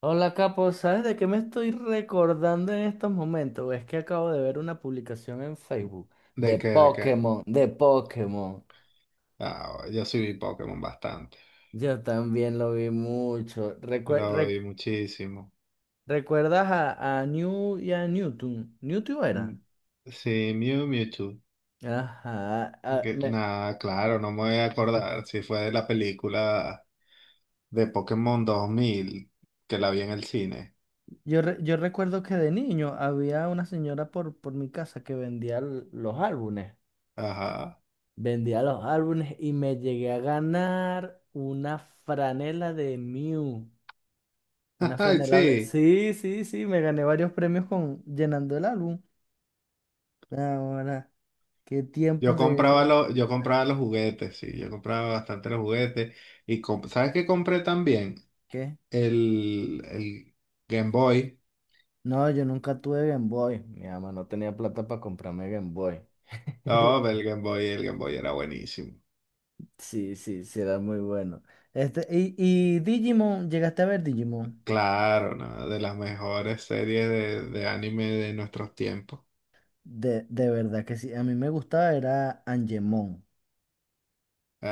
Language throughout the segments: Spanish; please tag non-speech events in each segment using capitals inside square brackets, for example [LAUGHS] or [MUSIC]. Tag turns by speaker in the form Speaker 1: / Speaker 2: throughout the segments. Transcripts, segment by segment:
Speaker 1: Hola Capo, ¿sabes de qué me estoy recordando en estos momentos? Es que acabo de ver una publicación en Facebook
Speaker 2: ¿De
Speaker 1: de
Speaker 2: qué? ¿De qué?
Speaker 1: Pokémon, de Pokémon.
Speaker 2: Ah, yo sí vi Pokémon bastante.
Speaker 1: Yo también lo vi mucho.
Speaker 2: Lo vi muchísimo.
Speaker 1: ¿Recuerdas a New y a Newton? ¿Newton era?
Speaker 2: Mm, sí, Mew Mewtwo.
Speaker 1: Ajá.
Speaker 2: Nada, claro, no me voy a acordar si fue de la película de Pokémon 2000 que la vi en el cine.
Speaker 1: Yo recuerdo que de niño había una señora por mi casa que vendía los álbumes.
Speaker 2: Ajá.
Speaker 1: Vendía los álbumes y me llegué a ganar una franela de Mew.
Speaker 2: [LAUGHS] Ay, sí.
Speaker 1: Sí, sí, sí, me gané varios premios con llenando el álbum. Ahora, qué
Speaker 2: Yo
Speaker 1: tiempos de eso.
Speaker 2: compraba, lo- yo compraba los juguetes, sí. Yo compraba bastante los juguetes. ¿Sabes qué compré también?
Speaker 1: ¿Qué?
Speaker 2: El Game Boy.
Speaker 1: No, yo nunca tuve Game Boy. Mi mamá no tenía plata para comprarme Game Boy. [LAUGHS]
Speaker 2: Oh, el Game Boy era buenísimo.
Speaker 1: Sí, sí, sí, era muy bueno. Este, y Digimon, ¿llegaste a ver Digimon?
Speaker 2: Claro, ¿no? De las mejores series de anime de nuestros tiempos.
Speaker 1: De verdad que sí, a mí me gustaba, era Angemon.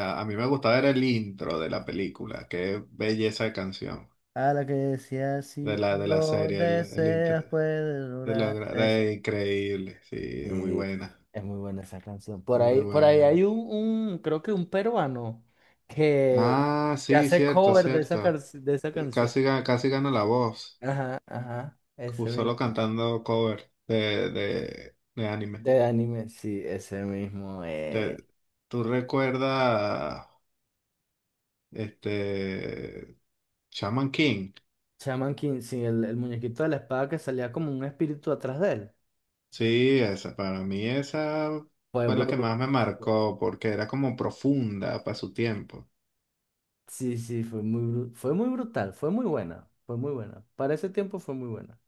Speaker 2: Ah, a mí me gustaba era el intro de la película, qué belleza de canción,
Speaker 1: A la que decía, si
Speaker 2: de
Speaker 1: tú
Speaker 2: la, de la
Speaker 1: lo
Speaker 2: serie, el intro,
Speaker 1: deseas, puedes
Speaker 2: de lo
Speaker 1: lograr.
Speaker 2: gra- de increíble, sí, muy
Speaker 1: Sí,
Speaker 2: buena,
Speaker 1: es muy buena esa canción. Por
Speaker 2: muy
Speaker 1: ahí, por ahí hay
Speaker 2: buena.
Speaker 1: creo que un peruano que,
Speaker 2: Ah,
Speaker 1: que
Speaker 2: sí,
Speaker 1: hace
Speaker 2: cierto,
Speaker 1: cover de
Speaker 2: cierto.
Speaker 1: de esa canción.
Speaker 2: Casi gana la voz,
Speaker 1: Ajá, ajá, ese mismo.
Speaker 2: solo cantando cover de anime.
Speaker 1: De anime, sí, ese mismo.
Speaker 2: Te- ¿Tú recuerdas este Shaman King?
Speaker 1: Shaman King, sí, el muñequito de la espada que salía como un espíritu atrás de él.
Speaker 2: Sí, para mí esa
Speaker 1: Fue
Speaker 2: fue la que
Speaker 1: bru-
Speaker 2: más me
Speaker 1: fu-
Speaker 2: marcó porque era como profunda para su tiempo.
Speaker 1: Sí, sí, fue muy, fue muy brutal, fue muy buena, fue muy buena. Para ese tiempo fue muy buena.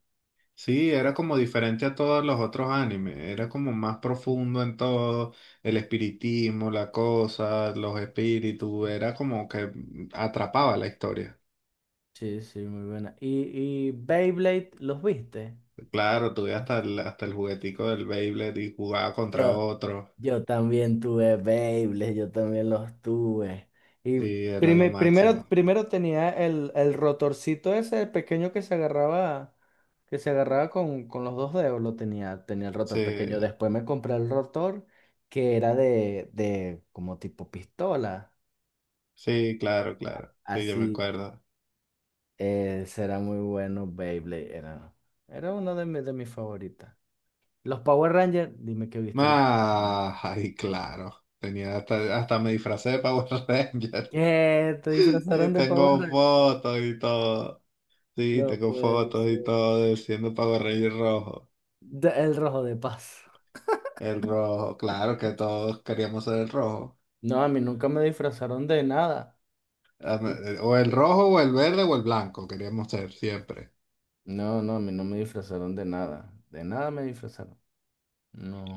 Speaker 2: Sí, era como diferente a todos los otros animes, era como más profundo en todo, el espiritismo, la cosa, los espíritus, era como que atrapaba la historia.
Speaker 1: Sí, sí, muy buena. ¿Y Beyblade los viste?
Speaker 2: Claro, tuve hasta el juguetico del Beyblade y jugaba contra
Speaker 1: Yo,
Speaker 2: otro.
Speaker 1: Yo también tuve Beyblades, yo también los tuve. Y
Speaker 2: Sí, era lo
Speaker 1: Prime- primero,
Speaker 2: máximo.
Speaker 1: primero tenía el rotorcito ese pequeño que se agarraba con los dos dedos, tenía el rotor pequeño.
Speaker 2: Sí,
Speaker 1: Después me compré el rotor que era de como tipo pistola.
Speaker 2: sí, claro, claro. Sí, yo me
Speaker 1: Así,
Speaker 2: acuerdo.
Speaker 1: será muy bueno Beyblade, era. Era uno de mis favoritas. Los Power Rangers, dime que viste los Power Rangers.
Speaker 2: Ah, ay, claro. Tenía hasta me disfracé de Power Ranger. [LAUGHS]
Speaker 1: ¿Qué? ¿Te
Speaker 2: Sí,
Speaker 1: disfrazaron de Power
Speaker 2: tengo
Speaker 1: Rangers?
Speaker 2: fotos y todo. Sí,
Speaker 1: No,
Speaker 2: tengo
Speaker 1: pues
Speaker 2: fotos y todo de siendo Power Ranger rojo.
Speaker 1: el rojo de paz.
Speaker 2: El rojo, claro que todos queríamos ser el rojo.
Speaker 1: No, a mí nunca me disfrazaron de nada.
Speaker 2: Ah, o el rojo, o el verde, o el blanco queríamos ser siempre.
Speaker 1: No, no, a mí no me disfrazaron de nada. De nada me disfrazaron.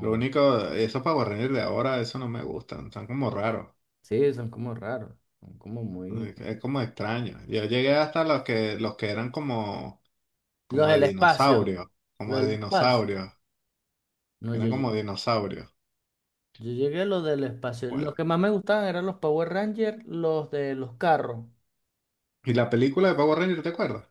Speaker 2: Lo único, esos Power Rangers de ahora, eso no me gustan. Están como raros.
Speaker 1: Sí, son como raros. Son como muy...
Speaker 2: Es como extraño. Yo llegué hasta los que eran como,
Speaker 1: Los
Speaker 2: como de
Speaker 1: del espacio.
Speaker 2: dinosaurio. Como
Speaker 1: Los
Speaker 2: de
Speaker 1: del espacio.
Speaker 2: dinosaurio.
Speaker 1: No, yo,
Speaker 2: Eran
Speaker 1: yo
Speaker 2: como dinosaurios.
Speaker 1: yo llegué a los del espacio. Los
Speaker 2: Bueno.
Speaker 1: que más me gustaban eran los Power Rangers, los de los carros.
Speaker 2: ¿Y la película de Power Rangers, te acuerdas?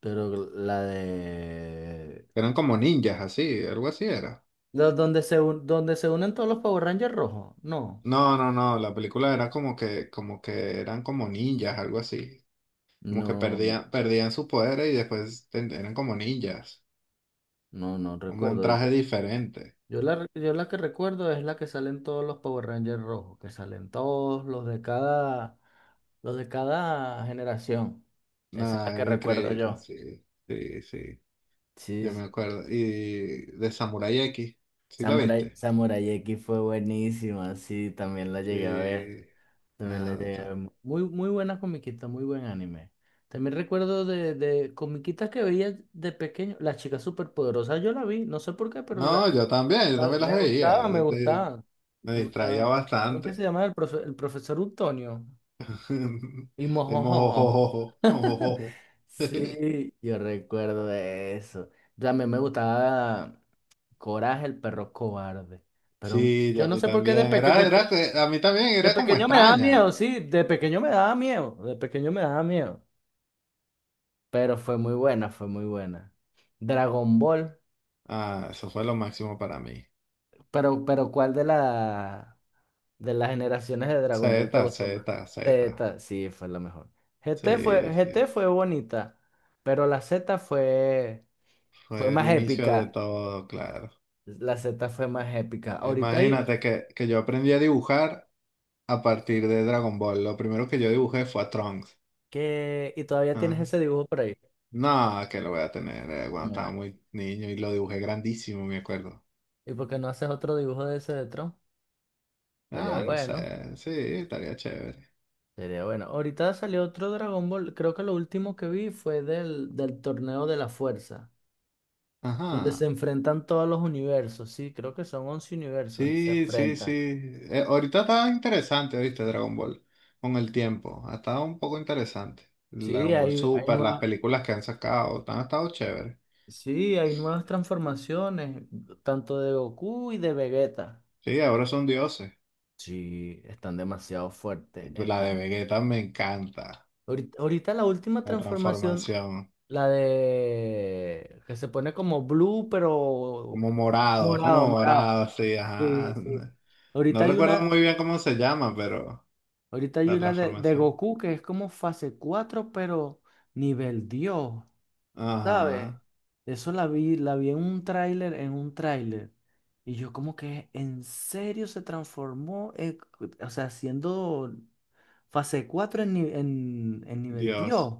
Speaker 1: Pero la de...
Speaker 2: Eran como ninjas, así, algo así era.
Speaker 1: Los donde donde se unen todos los Power Rangers rojos. No.
Speaker 2: No, no, no, la película era como que eran como ninjas, algo así. Como que
Speaker 1: No,
Speaker 2: perdían sus poderes y después eran como ninjas.
Speaker 1: no, no
Speaker 2: Como un
Speaker 1: recuerdo.
Speaker 2: traje diferente.
Speaker 1: Yo la que recuerdo es la que salen todos los Power Rangers rojos, que salen todos los de cada generación. Esa es la
Speaker 2: Nada,
Speaker 1: que
Speaker 2: era
Speaker 1: recuerdo
Speaker 2: increíble,
Speaker 1: yo.
Speaker 2: sí, sí, sí.
Speaker 1: Sí,
Speaker 2: Yo me
Speaker 1: sí.
Speaker 2: acuerdo. Y de Samurai X, ¿sí la
Speaker 1: Samurai,
Speaker 2: viste?
Speaker 1: Samurai X fue buenísima, sí, también la llegué a ver.
Speaker 2: Sí.
Speaker 1: También la
Speaker 2: Nada, o
Speaker 1: llegué a
Speaker 2: sea.
Speaker 1: ver. Muy, muy buena comiquita, muy buen anime. También recuerdo de comiquitas que veía de pequeño. La chica superpoderosa yo la vi, no sé por qué, pero
Speaker 2: No, yo también, yo también las
Speaker 1: me
Speaker 2: veía.
Speaker 1: gustaba, me gustaba.
Speaker 2: Me
Speaker 1: Me
Speaker 2: distraía
Speaker 1: gustaba. ¿Cómo que se
Speaker 2: bastante.
Speaker 1: llamaba el profesor Utonio?
Speaker 2: [LAUGHS]
Speaker 1: Y
Speaker 2: De
Speaker 1: mojojojo.
Speaker 2: mojojojo,
Speaker 1: [LAUGHS]
Speaker 2: mojojojo. [LAUGHS]
Speaker 1: Sí, yo recuerdo de eso. También me gustaba Coraje, el perro cobarde. Pero
Speaker 2: Sí, a
Speaker 1: yo no
Speaker 2: mí
Speaker 1: sé por qué de,
Speaker 2: también.
Speaker 1: peque-
Speaker 2: Era,
Speaker 1: de
Speaker 2: era,
Speaker 1: pe-
Speaker 2: que- a mí también
Speaker 1: de
Speaker 2: era como
Speaker 1: pequeño me daba
Speaker 2: extraña.
Speaker 1: miedo, sí, de pequeño me daba miedo, de pequeño me daba miedo. Pero fue muy buena, fue muy buena. Dragon Ball,
Speaker 2: Ah, eso fue lo máximo para mí.
Speaker 1: pero ¿cuál de la... De las generaciones de Dragon
Speaker 2: Z,
Speaker 1: Ball te gustó
Speaker 2: Z,
Speaker 1: más.
Speaker 2: Z.
Speaker 1: Z, sí, fue la mejor. GT
Speaker 2: Sí,
Speaker 1: fue,
Speaker 2: sí.
Speaker 1: GT fue bonita, pero la Z fue
Speaker 2: Fue el
Speaker 1: más
Speaker 2: inicio de
Speaker 1: épica.
Speaker 2: todo, claro.
Speaker 1: La Z fue más épica. Ahorita hay
Speaker 2: Imagínate que yo aprendí a dibujar a partir de Dragon Ball. Lo primero que yo dibujé fue a Trunks.
Speaker 1: que... Y todavía tienes
Speaker 2: Ah,
Speaker 1: ese dibujo por ahí.
Speaker 2: no, que lo voy a tener cuando estaba
Speaker 1: Ya.
Speaker 2: muy niño y lo dibujé grandísimo, me acuerdo.
Speaker 1: ¿Y por qué no haces otro dibujo de ese de Tron? Sería
Speaker 2: Ah, no
Speaker 1: bueno,
Speaker 2: sé. Sí, estaría chévere.
Speaker 1: sería bueno. Ahorita salió otro Dragon Ball. Creo que lo último que vi fue del torneo de la fuerza, donde se
Speaker 2: Ajá.
Speaker 1: enfrentan todos los universos. Sí, creo que son 11 universos y se
Speaker 2: Sí, sí, sí.
Speaker 1: enfrentan.
Speaker 2: Ahorita está interesante, ¿viste? Dragon Ball. Con el tiempo. Ha estado un poco interesante. El
Speaker 1: Sí,
Speaker 2: Dragon Ball
Speaker 1: hay
Speaker 2: Super, las
Speaker 1: nuevas,
Speaker 2: películas que han sacado, han estado chéveres.
Speaker 1: sí, hay nuevas transformaciones, tanto de Goku y de Vegeta.
Speaker 2: Sí, ahora son dioses.
Speaker 1: Sí, están demasiado fuertes.
Speaker 2: La de
Speaker 1: Están...
Speaker 2: Vegeta me encanta.
Speaker 1: Ahorita la última
Speaker 2: La
Speaker 1: transformación,
Speaker 2: transformación.
Speaker 1: la de que se pone como blue, pero
Speaker 2: Como morado, es
Speaker 1: morado,
Speaker 2: como
Speaker 1: morado.
Speaker 2: morado, sí,
Speaker 1: Sí,
Speaker 2: ajá.
Speaker 1: sí.
Speaker 2: No
Speaker 1: Ahorita hay
Speaker 2: recuerdo
Speaker 1: una,
Speaker 2: muy bien cómo se llama, pero
Speaker 1: ahorita hay
Speaker 2: la
Speaker 1: una de
Speaker 2: transformación.
Speaker 1: Goku que es como fase 4 pero nivel Dios. ¿Sabes?
Speaker 2: Ajá.
Speaker 1: Eso la vi en un tráiler, en un tráiler. Y yo como que en serio se transformó, o sea, siendo fase 4 en, ni- en nivel
Speaker 2: Dios.
Speaker 1: Dios.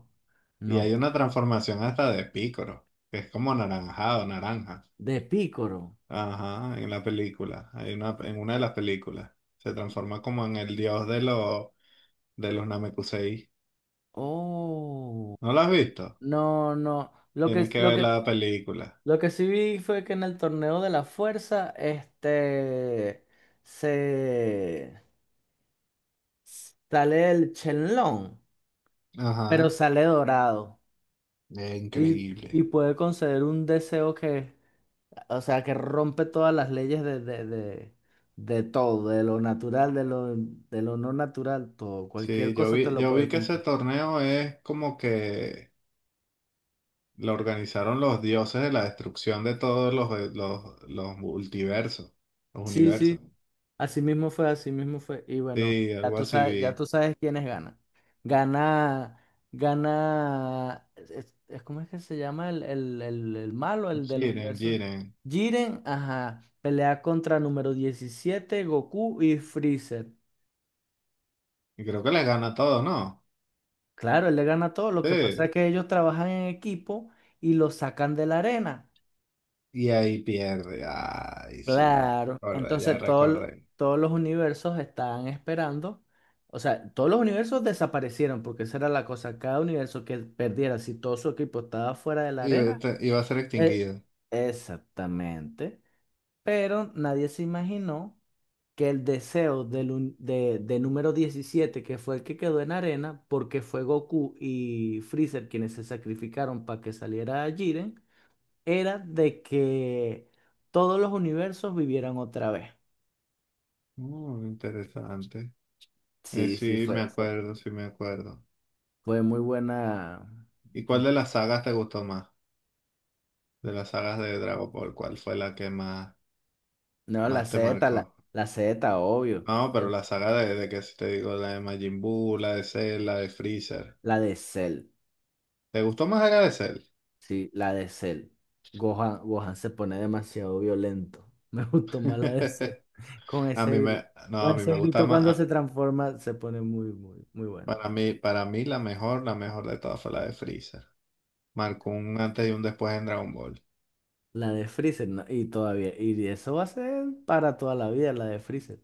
Speaker 2: Y
Speaker 1: No,
Speaker 2: hay
Speaker 1: pues.
Speaker 2: una transformación hasta de Piccolo, que es como anaranjado, naranja.
Speaker 1: De Pícoro.
Speaker 2: Ajá, en la película, hay una, en una de las películas. Se transforma como en el dios de los, Namekusei.
Speaker 1: Oh.
Speaker 2: ¿No lo has visto?
Speaker 1: No, no. Lo que,
Speaker 2: Tienes que
Speaker 1: lo
Speaker 2: ver
Speaker 1: que,
Speaker 2: la película.
Speaker 1: lo que sí vi fue que en el torneo de la fuerza, este, se sale el Chenlong, pero
Speaker 2: Ajá,
Speaker 1: sale dorado.
Speaker 2: es
Speaker 1: Y, y
Speaker 2: increíble.
Speaker 1: puede conceder un deseo que, o sea, que rompe todas las leyes de todo, de lo natural, de lo no natural, todo. Cualquier
Speaker 2: Sí, yo
Speaker 1: cosa te
Speaker 2: vi,
Speaker 1: lo
Speaker 2: yo vi
Speaker 1: puede
Speaker 2: que ese
Speaker 1: cumplir.
Speaker 2: torneo es como que lo organizaron los dioses de la destrucción de todos los multiversos, los
Speaker 1: Sí, sí,
Speaker 2: universos.
Speaker 1: así mismo fue, así mismo fue. Y bueno,
Speaker 2: Sí, algo así
Speaker 1: ya
Speaker 2: vi.
Speaker 1: tú sabes quiénes ganan. Gana, ¿Cómo es que se llama el malo, el del
Speaker 2: Jiren,
Speaker 1: universo?
Speaker 2: Jiren.
Speaker 1: Jiren, ajá, pelea contra número 17 Goku y Freezer.
Speaker 2: Y creo que les gana todo, ¿no?
Speaker 1: Claro, él le gana todo. Lo que pasa es
Speaker 2: Sí.
Speaker 1: que ellos trabajan en equipo y lo sacan de la arena.
Speaker 2: Y ahí pierde. Ay, sí.
Speaker 1: Claro.
Speaker 2: Recordé, ya
Speaker 1: Entonces
Speaker 2: recordé.
Speaker 1: todos los universos estaban esperando. O sea, todos los universos desaparecieron porque esa era la cosa. Cada universo que perdiera, si todo su equipo estaba fuera de la
Speaker 2: Iba,
Speaker 1: arena.
Speaker 2: a te- iba a ser
Speaker 1: eh,
Speaker 2: extinguido.
Speaker 1: Exactamente. Pero nadie se imaginó que el deseo de número 17 que fue el que quedó en arena, porque fue Goku y Freezer quienes se sacrificaron para que saliera Jiren, era de que todos los universos vivieran otra vez.
Speaker 2: Interesante.
Speaker 1: Sí, sí,
Speaker 2: Sí, me
Speaker 1: fue, fue,
Speaker 2: acuerdo, sí me acuerdo.
Speaker 1: fue muy buena.
Speaker 2: ¿Y cuál de las sagas te gustó más? De las sagas de Dragon Ball, ¿cuál fue la que más,
Speaker 1: No, la
Speaker 2: más te
Speaker 1: Z, la,
Speaker 2: marcó?
Speaker 1: la Z, obvio.
Speaker 2: No,
Speaker 1: Yo-
Speaker 2: pero la saga de que si te digo, la de Majin Buu, la de Cell, la de Freezer.
Speaker 1: la de Cell.
Speaker 2: ¿Te gustó más la de Cell?
Speaker 1: Sí, la de Cell. Gohan, Gohan se pone demasiado violento. [LAUGHS] Me gustó más la de Cell.
Speaker 2: [LAUGHS]
Speaker 1: Con
Speaker 2: A
Speaker 1: ese
Speaker 2: mí
Speaker 1: grito,
Speaker 2: me, no, a
Speaker 1: con
Speaker 2: mí
Speaker 1: ese
Speaker 2: me gustaba
Speaker 1: grito
Speaker 2: más.
Speaker 1: cuando se transforma, se pone muy, muy, muy bueno.
Speaker 2: Para mí la mejor de todas fue la de Freezer. Marcó un antes y un después en Dragon Ball.
Speaker 1: La de Freezer, ¿no? Y eso va a ser para toda la vida, la de Freezer.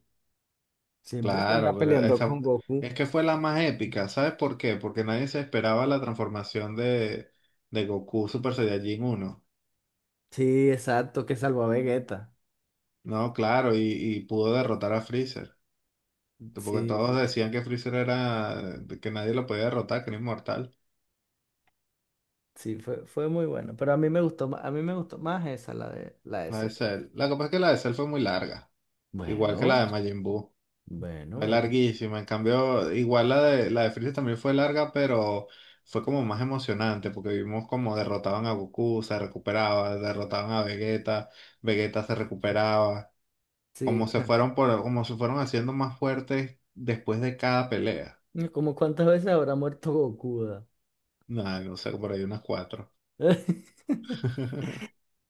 Speaker 1: Siempre se anda
Speaker 2: Claro, pero
Speaker 1: peleando
Speaker 2: esa
Speaker 1: con Goku.
Speaker 2: es que fue la más épica. ¿Sabes por qué? Porque nadie se esperaba la transformación de Goku Super Saiyajin uno.
Speaker 1: Sí, exacto, que salvó a Vegeta.
Speaker 2: No, claro, y pudo derrotar a Freezer. Porque
Speaker 1: Sí,
Speaker 2: todos
Speaker 1: sí,
Speaker 2: decían que Freezer era, que nadie lo podía derrotar, que era inmortal.
Speaker 1: sí, fue muy bueno. Pero a mí me gustó más, a mí me gustó más esa, la de
Speaker 2: La de
Speaker 1: Cell.
Speaker 2: Cell. La cosa es que la de Cell fue muy larga, igual que
Speaker 1: Bueno,
Speaker 2: la de Majin Buu.
Speaker 1: bueno,
Speaker 2: Fue
Speaker 1: bueno.
Speaker 2: larguísima, en cambio, igual la de Freezer también fue larga, pero fue como más emocionante, porque vimos como derrotaban a Goku, se recuperaba, derrotaban a Vegeta, Vegeta se recuperaba,
Speaker 1: Sí.
Speaker 2: como se fueron haciendo más fuertes después de cada pelea.
Speaker 1: ¿Como cuántas veces habrá muerto Gokuda?
Speaker 2: Nada, no sé, por ahí unas cuatro.
Speaker 1: [LAUGHS]
Speaker 2: [LAUGHS]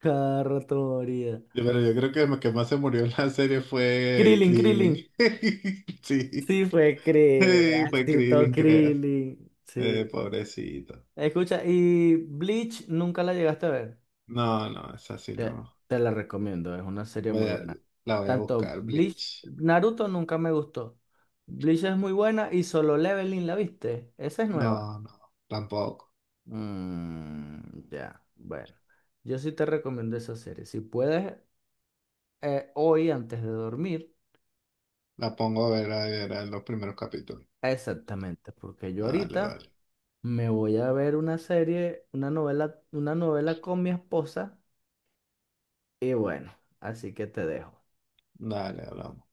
Speaker 1: Cada rato moría.
Speaker 2: Pero yo creo que el que más se murió en la serie fue
Speaker 1: Krillin, Krillin.
Speaker 2: Krillin. [LAUGHS] Sí,
Speaker 1: Sí, fue Krillin.
Speaker 2: [LAUGHS] fue
Speaker 1: Así todo
Speaker 2: Krillin, creas.
Speaker 1: Krillin. Sí.
Speaker 2: Pobrecito.
Speaker 1: Escucha, ¿y Bleach nunca la llegaste a ver?
Speaker 2: No, no, es así,
Speaker 1: Te,
Speaker 2: no.
Speaker 1: te la recomiendo, es una serie
Speaker 2: Voy
Speaker 1: muy
Speaker 2: a-
Speaker 1: buena.
Speaker 2: la voy a
Speaker 1: Tanto
Speaker 2: buscar,
Speaker 1: Bleach,
Speaker 2: Bleach.
Speaker 1: Naruto nunca me gustó. Bleach es muy buena y Solo Leveling, ¿la viste? Esa es
Speaker 2: No,
Speaker 1: nueva.
Speaker 2: no, tampoco.
Speaker 1: Mm, ya, bueno. Yo sí te recomiendo esa serie. Si puedes, hoy antes de dormir,
Speaker 2: La pongo a ver, a ver, a los primeros capítulos.
Speaker 1: exactamente, porque yo
Speaker 2: Vale,
Speaker 1: ahorita
Speaker 2: vale.
Speaker 1: me voy a ver una serie, una novela con mi esposa y bueno, así que te dejo.
Speaker 2: Dale, hablamos.